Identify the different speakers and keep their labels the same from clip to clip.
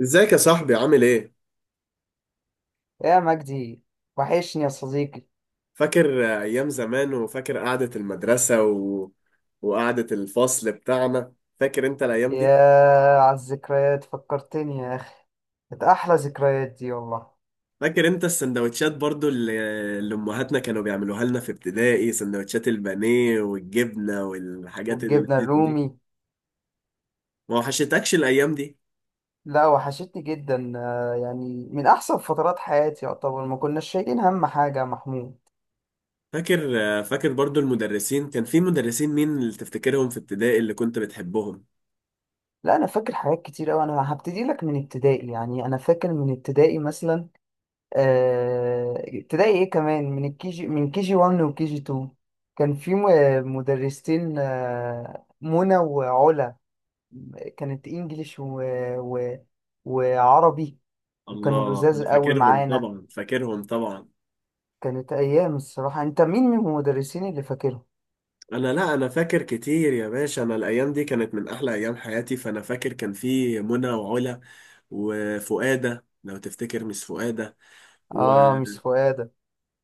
Speaker 1: ازيك يا صاحبي؟ عامل ايه؟
Speaker 2: يا مجدي، وحشني يا صديقي.
Speaker 1: فاكر ايام زمان، وفاكر قعدة المدرسة وقعدة الفصل بتاعنا؟ فاكر انت الايام
Speaker 2: يا
Speaker 1: دي؟
Speaker 2: على الذكريات فكرتني يا أخي، كانت أحلى ذكريات دي والله.
Speaker 1: فاكر انت السندوتشات برضو اللي امهاتنا كانوا بيعملوها لنا في ابتدائي؟ سندوتشات البانيه والجبنة والحاجات
Speaker 2: والجبنة
Speaker 1: اللذيذة دي
Speaker 2: الرومي.
Speaker 1: ما وحشتكش الايام دي؟
Speaker 2: لا وحشتني جدا، يعني من أحسن فترات حياتي يعتبر، ما كناش شايلين هم حاجة يا محمود.
Speaker 1: فاكر فاكر برضو المدرسين؟ كان في مدرسين، مين اللي تفتكرهم في ابتدائي اللي كنت بتحبهم؟
Speaker 2: لا أنا فاكر حاجات كتير أوي، أنا هبتدي لك من ابتدائي. يعني أنا فاكر من ابتدائي مثلا، ابتدائي إيه كمان، من الكيجي، من كيجي 1 وكيجي 2. كان في مدرستين، منى وعلا. كانت انجليش و... وعربي، وكانوا
Speaker 1: الله،
Speaker 2: لزاز
Speaker 1: انا
Speaker 2: قوي
Speaker 1: فاكرهم
Speaker 2: معانا.
Speaker 1: طبعا، فاكرهم طبعا.
Speaker 2: كانت ايام. الصراحه انت مين من المدرسين اللي فاكرهم؟
Speaker 1: انا لا انا فاكر كتير يا باشا. انا الايام دي كانت من احلى ايام حياتي، فانا فاكر كان في منى وعلا وفؤاده، لو تفتكر، مش فؤاده و...
Speaker 2: اه مش فؤاد.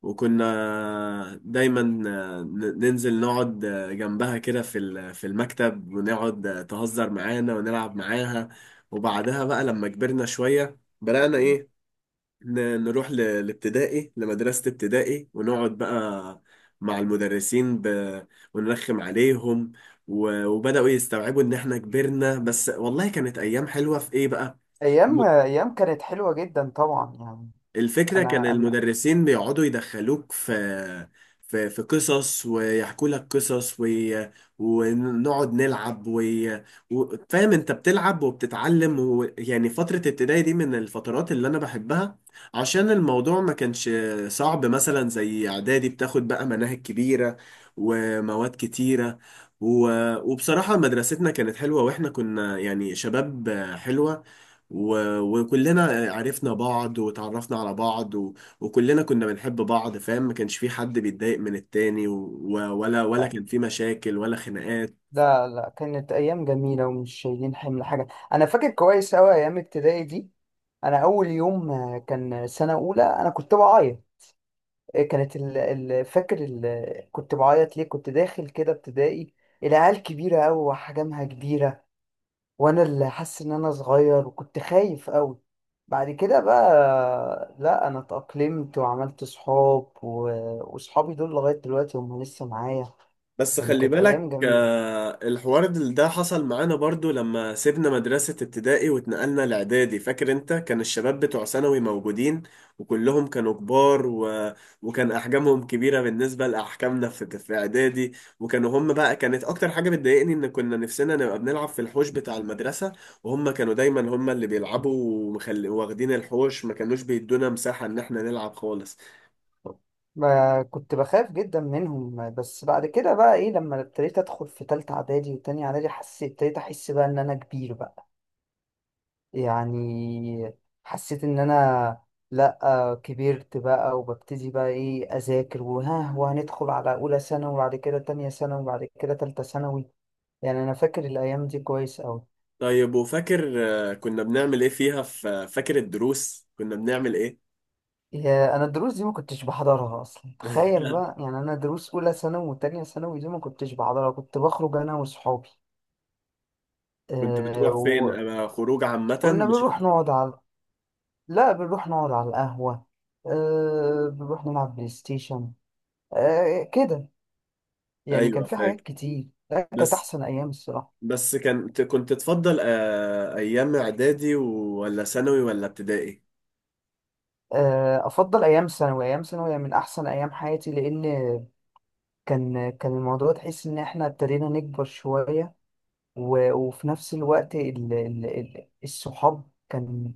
Speaker 1: وكنا دايما ننزل نقعد جنبها كده في في المكتب، ونقعد تهزر معانا ونلعب معاها. وبعدها بقى لما كبرنا شويه بدأنا ايه، نروح لابتدائي، لمدرسة ابتدائي، ونقعد بقى مع المدرسين ونرخم عليهم، وبدأوا يستوعبوا إن إحنا كبرنا. بس والله كانت أيام حلوة في إيه بقى.
Speaker 2: ايام كانت حلوه جدا طبعا يعني.
Speaker 1: الفكرة كان
Speaker 2: انا.
Speaker 1: المدرسين بيقعدوا يدخلوك في في قصص، ويحكوا لك قصص ونقعد نلعب فاهم، انت بتلعب وبتتعلم. يعني فترة ابتدائي دي من الفترات اللي انا بحبها، عشان الموضوع ما كانش صعب مثلا زي اعدادي، بتاخد بقى مناهج كبيرة، ومواد كتيرة. و... وبصراحة مدرستنا كانت حلوة، واحنا كنا يعني شباب حلوة. وكلنا عرفنا بعض وتعرفنا على بعض، وكلنا كنا بنحب بعض. فاهم، ما كانش في حد بيتضايق من التاني، ولا كان في مشاكل ولا خناقات.
Speaker 2: لا، كانت ايام جميله ومش شايلين حمل حاجه. انا فاكر كويس قوي ايام ابتدائي دي. انا اول يوم، كان سنه اولى، انا كنت بعيط. كانت ال... ال... فاكر ال... كنت بعيط ليه، كنت داخل كده ابتدائي. العيال كبيرة أوي وأحجامها كبيرة، وأنا اللي حاسس إن أنا صغير وكنت خايف أوي. بعد كده بقى لا، أنا اتأقلمت وعملت صحاب، وصحابي دول لغاية دلوقتي هم لسه معايا.
Speaker 1: بس
Speaker 2: يعني
Speaker 1: خلي
Speaker 2: كانت أيام
Speaker 1: بالك،
Speaker 2: جميلة.
Speaker 1: الحوار ده حصل معانا برضو لما سيبنا مدرسة ابتدائي واتنقلنا لإعدادي. فاكر انت؟ كان الشباب بتوع ثانوي موجودين، وكلهم كانوا كبار، وكان أحجامهم كبيرة بالنسبة لأحجامنا في إعدادي. وكانوا هم بقى، كانت أكتر حاجة بتضايقني إن كنا نفسنا نبقى بنلعب في الحوش بتاع المدرسة، وهم كانوا دايما هم اللي بيلعبوا، واخدين الحوش، ما كانوش بيدونا مساحة إن احنا نلعب خالص.
Speaker 2: ما كنت بخاف جدا منهم، بس بعد كده بقى إيه، لما ابتديت أدخل في تالتة إعدادي وتانية إعدادي، حسيت ابتديت أحس بقى إن أنا كبير بقى. يعني حسيت ان انا، لا كبرت بقى، وببتدي بقى ايه اذاكر، وها وهندخل على اولى ثانوي، وبعد كده تانية ثانوي، وبعد كده تالتة ثانوي. يعني انا فاكر الايام دي كويس قوي.
Speaker 1: طيب وفاكر كنا بنعمل ايه فيها؟ في، فاكر الدروس كنا بنعمل ايه؟
Speaker 2: يا، انا الدروس دي ما كنتش بحضرها اصلا، تخيل بقى. يعني انا دروس اولى ثانوي وتانية ثانوي دي ما كنتش بحضرها، كنت بخرج انا وصحابي.
Speaker 1: كنت
Speaker 2: أه
Speaker 1: بتروح فين؟
Speaker 2: وكنا
Speaker 1: انا خروج عامة، مش
Speaker 2: بنروح
Speaker 1: أنا.
Speaker 2: نقعد على لا بنروح نقعد على القهوة. أه بنروح نلعب بلاي ستيشن. أه كده، يعني كان
Speaker 1: ايوه،
Speaker 2: في حاجات
Speaker 1: فاكر.
Speaker 2: كتير، لا كانت
Speaker 1: بس
Speaker 2: أحسن أيام الصراحة.
Speaker 1: بس كان، كنت تفضل ايام اعدادي ولا ثانوي ولا ابتدائي؟
Speaker 2: أفضل أيام ثانوي، أيام ثانوي من أحسن أيام حياتي، لأن كان الموضوع تحس إن إحنا ابتدينا نكبر شوية. وفي نفس الوقت الصحاب كان،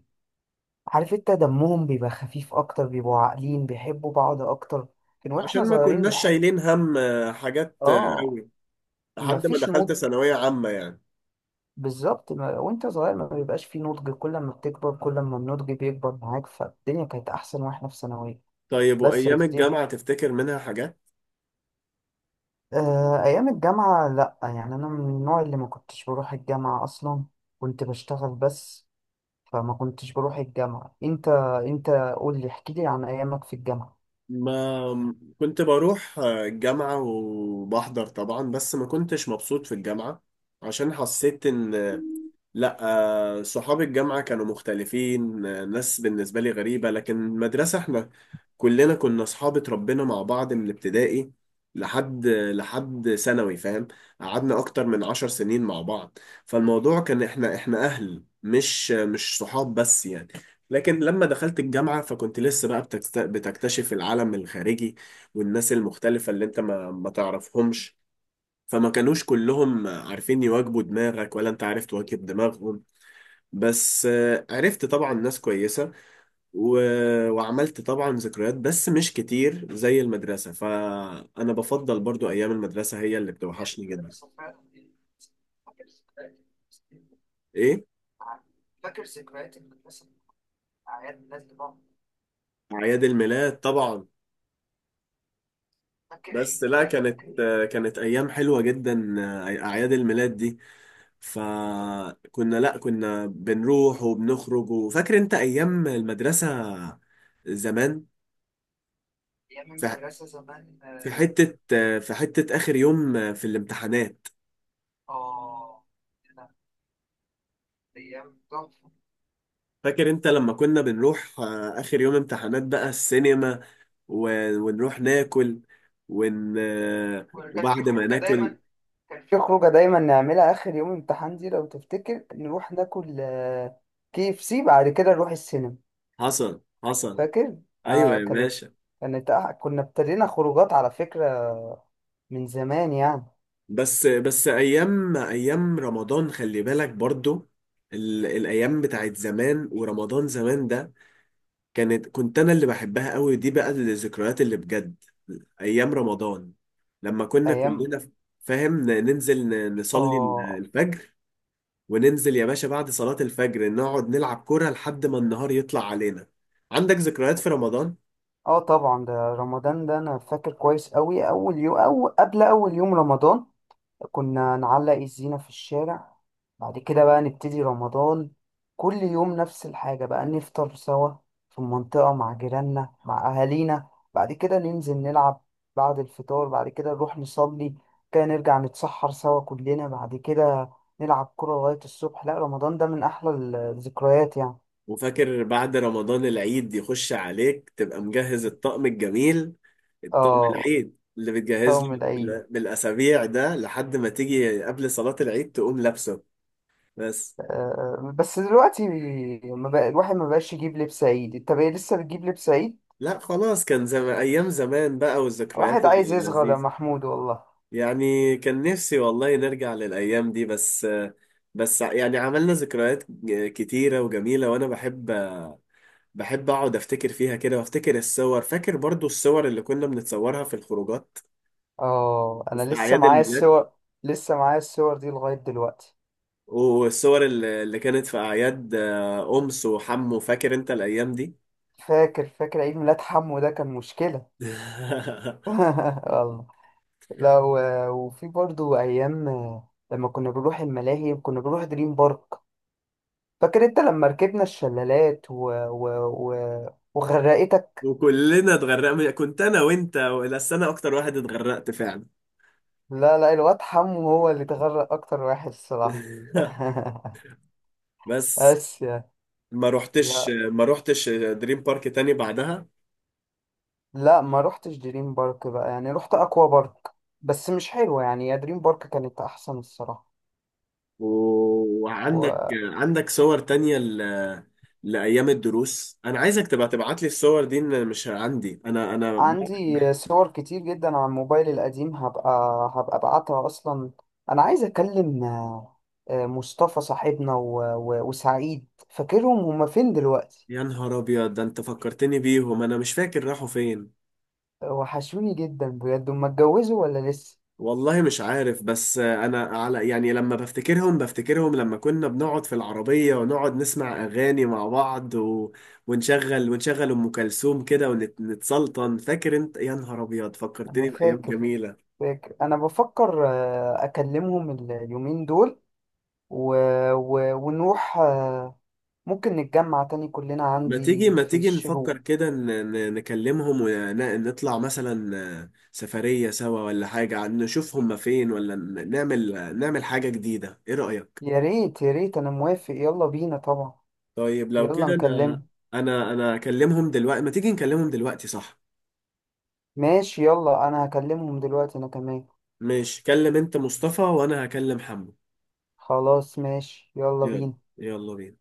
Speaker 2: عارف أنت، دمهم بيبقى خفيف أكتر، بيبقوا عاقلين، بيحبوا بعض أكتر. كان وإحنا
Speaker 1: عشان ما
Speaker 2: صغيرين
Speaker 1: كناش
Speaker 2: بنحب.
Speaker 1: شايلين هم حاجات
Speaker 2: آه.
Speaker 1: قوي لحد ما
Speaker 2: مفيش نضج.
Speaker 1: دخلت ثانوية عامة يعني.
Speaker 2: بالظبط. ما... وأنت صغير ما بيبقاش فيه نضج، كل ما بتكبر كل ما النضج بيكبر معاك، فالدنيا كانت أحسن وإحنا في ثانوية.
Speaker 1: طيب
Speaker 2: بس يا
Speaker 1: وايام
Speaker 2: سيدي،
Speaker 1: الجامعة تفتكر منها حاجات؟
Speaker 2: أيام الجامعة لأ، يعني أنا من النوع اللي ما كنتش بروح الجامعة أصلا، كنت بشتغل بس. فما كنتش بروح الجامعة. أنت قول لي، احكي لي عن أيامك في الجامعة.
Speaker 1: ما كنت بروح الجامعة وبحضر طبعا، بس ما كنتش مبسوط في الجامعة، عشان حسيت ان، لا، صحاب الجامعة كانوا مختلفين، ناس بالنسبة لي غريبة. لكن المدرسة، احنا كلنا كنا أصحاب، اتربينا مع بعض من ابتدائي لحد ثانوي، فاهم، قعدنا أكتر من عشر سنين مع بعض. فالموضوع كان احنا أهل، مش صحاب بس يعني. لكن لما دخلت الجامعة، فكنت لسه بقى بتكتشف العالم الخارجي والناس المختلفة اللي انت ما تعرفهمش، فما كانوش كلهم عارفين يواجبوا دماغك ولا انت عارف تواكب دماغهم. بس عرفت طبعا ناس كويسة، و... وعملت طبعا ذكريات، بس مش كتير زي المدرسة. فأنا بفضل برضو أيام المدرسة هي اللي بتوحشني جدا. إيه؟
Speaker 2: فاكر ذكريات المدرسة، أعياد الناس بعض؟
Speaker 1: أعياد الميلاد طبعا.
Speaker 2: فاكر
Speaker 1: بس
Speaker 2: عيد
Speaker 1: لا، كانت
Speaker 2: ميلادك؟
Speaker 1: كانت أيام حلوة جدا، أعياد الميلاد دي، فكنا، لا، كنا بنروح وبنخرج. وفاكر أنت أيام المدرسة زمان؟
Speaker 2: أيام
Speaker 1: في
Speaker 2: المدرسة زمان،
Speaker 1: في
Speaker 2: آه.
Speaker 1: حتة في حتة آخر يوم في الامتحانات.
Speaker 2: آه، أيام تحفة.
Speaker 1: فاكر انت لما كنا بنروح اخر يوم امتحانات بقى السينما، ونروح ناكل ون... آه،
Speaker 2: وكان في
Speaker 1: وبعد ما
Speaker 2: خروجة دايما،
Speaker 1: ناكل؟
Speaker 2: كان في خروجة دايما نعملها آخر يوم امتحان دي لو تفتكر، نروح ناكل كي اف سي بعد كده نروح السينما.
Speaker 1: حصل، حصل.
Speaker 2: فاكر؟
Speaker 1: ايوه
Speaker 2: آه
Speaker 1: يا
Speaker 2: كانت،
Speaker 1: باشا.
Speaker 2: كنا ابتدينا خروجات على فكرة، من زمان يعني.
Speaker 1: بس بس ايام رمضان، خلي بالك برضو، الايام بتاعت زمان، ورمضان زمان ده كانت، كنت انا اللي بحبها قوي دي بقى، الذكريات اللي بجد، ايام رمضان، لما كنا
Speaker 2: أيام،
Speaker 1: كلنا، فاهم، ننزل نصلي
Speaker 2: آه.
Speaker 1: الفجر، وننزل يا باشا بعد صلاة الفجر نقعد نلعب كرة لحد ما النهار يطلع علينا. عندك ذكريات في رمضان؟
Speaker 2: آه طبعا، ده رمضان ده أنا فاكر كويس أوي. أول يوم، أو قبل أول يوم رمضان، كنا نعلق الزينة في الشارع. بعد كده بقى نبتدي رمضان، كل يوم نفس الحاجة بقى، نفطر سوا في المنطقة مع جيراننا مع أهالينا، بعد كده ننزل نلعب بعد الفطار، بعد كده نروح نصلي، كده نرجع نتسحر سوا كلنا، بعد كده نلعب كرة لغاية الصبح. لا رمضان ده من أحلى الذكريات يعني.
Speaker 1: وفاكر بعد رمضان العيد يخش عليك تبقى مجهز الطقم الجميل، الطقم
Speaker 2: اه
Speaker 1: العيد اللي بتجهز
Speaker 2: طبعا
Speaker 1: له
Speaker 2: العيد.
Speaker 1: بالأسابيع ده، لحد ما تيجي قبل صلاة العيد تقوم لابسه. بس
Speaker 2: بس دلوقتي ما بقى الواحد، ما بقاش يجيب لبس عيد. انت بقى لسه بتجيب لبس عيد؟
Speaker 1: لا خلاص، كان زمان، أيام زمان بقى، والذكريات
Speaker 2: واحد عايز يصغر يا
Speaker 1: اللذيذة.
Speaker 2: محمود والله.
Speaker 1: يعني كان نفسي والله نرجع للأيام دي. بس بس يعني عملنا ذكريات كتيرة وجميلة، وأنا بحب، بحب اقعد افتكر فيها كده، وافتكر الصور. فاكر برضو الصور اللي كنا بنتصورها في الخروجات
Speaker 2: اه انا
Speaker 1: وفي
Speaker 2: لسه
Speaker 1: اعياد
Speaker 2: معايا
Speaker 1: الميلاد،
Speaker 2: الصور، لسه معايا الصور دي لغاية دلوقتي.
Speaker 1: والصور اللي كانت في اعياد، امس وحمو، فاكر انت الايام دي؟
Speaker 2: فاكر عيد ميلاد حمو، ده كان مشكلة. والله. لا و- وفي برضو ايام، لما كنا بنروح الملاهي، كنا بنروح دريم بارك. فاكر انت لما ركبنا الشلالات وغرقتك.
Speaker 1: وكلنا اتغرقنا، كنت انا وانت، بس انا اكتر واحد اتغرقت فعلا.
Speaker 2: لا، الواد حمو هو اللي اتغرق اكتر واحد الصراحة.
Speaker 1: بس
Speaker 2: بس يعني. لا
Speaker 1: ما روحتش دريم بارك تاني بعدها.
Speaker 2: لا ما رحتش دريم بارك بقى، يعني رحت اكوا بارك، بس مش حلوة يعني. يا دريم بارك كانت احسن الصراحة.
Speaker 1: وعندك صور تانية لأيام الدروس؟ أنا عايزك تبقى تبعت لي الصور دي، إن مش عندي أنا أنا.
Speaker 2: وعندي صور كتير جدا على الموبايل القديم، هبقى ابعتها اصلا. انا عايز اكلم، مصطفى صاحبنا وسعيد، فاكرهم هما فين دلوقتي؟
Speaker 1: يا نهار أبيض، ده أنت فكرتني بيهم، أنا مش فاكر راحوا فين.
Speaker 2: وحشوني جدا بجد. هما اتجوزوا ولا لسه؟
Speaker 1: والله مش عارف، بس أنا على، يعني لما بفتكرهم بفتكرهم لما كنا بنقعد في العربية ونقعد نسمع أغاني مع بعض، ونشغل، ونشغل أم كلثوم كده ونتسلطن. فاكر أنت؟ يا نهار أبيض،
Speaker 2: انا
Speaker 1: فكرتني بأيام
Speaker 2: فاكر،
Speaker 1: جميلة.
Speaker 2: فاكر انا بفكر اكلمهم اليومين دول، و... ونروح، ممكن نتجمع تاني كلنا عندي
Speaker 1: ما
Speaker 2: في
Speaker 1: تيجي نفكر
Speaker 2: الشروق.
Speaker 1: كده، نكلمهم ونطلع مثلا سفرية سوا ولا حاجة، نشوف هما فين، ولا نعمل نعمل حاجة جديدة، ايه رأيك؟
Speaker 2: يا ريت، يا ريت انا موافق، يلا بينا طبعا.
Speaker 1: طيب لو
Speaker 2: يلا
Speaker 1: كده انا،
Speaker 2: نكلمهم.
Speaker 1: انا اكلمهم دلوقتي، ما تيجي نكلمهم دلوقتي، صح؟
Speaker 2: ماشي يلا، انا هكلمهم دلوقتي انا كمان.
Speaker 1: ماشي، كلم انت مصطفى وانا هكلم حمو.
Speaker 2: خلاص ماشي، يلا
Speaker 1: يلا،
Speaker 2: بينا.
Speaker 1: يلا بينا.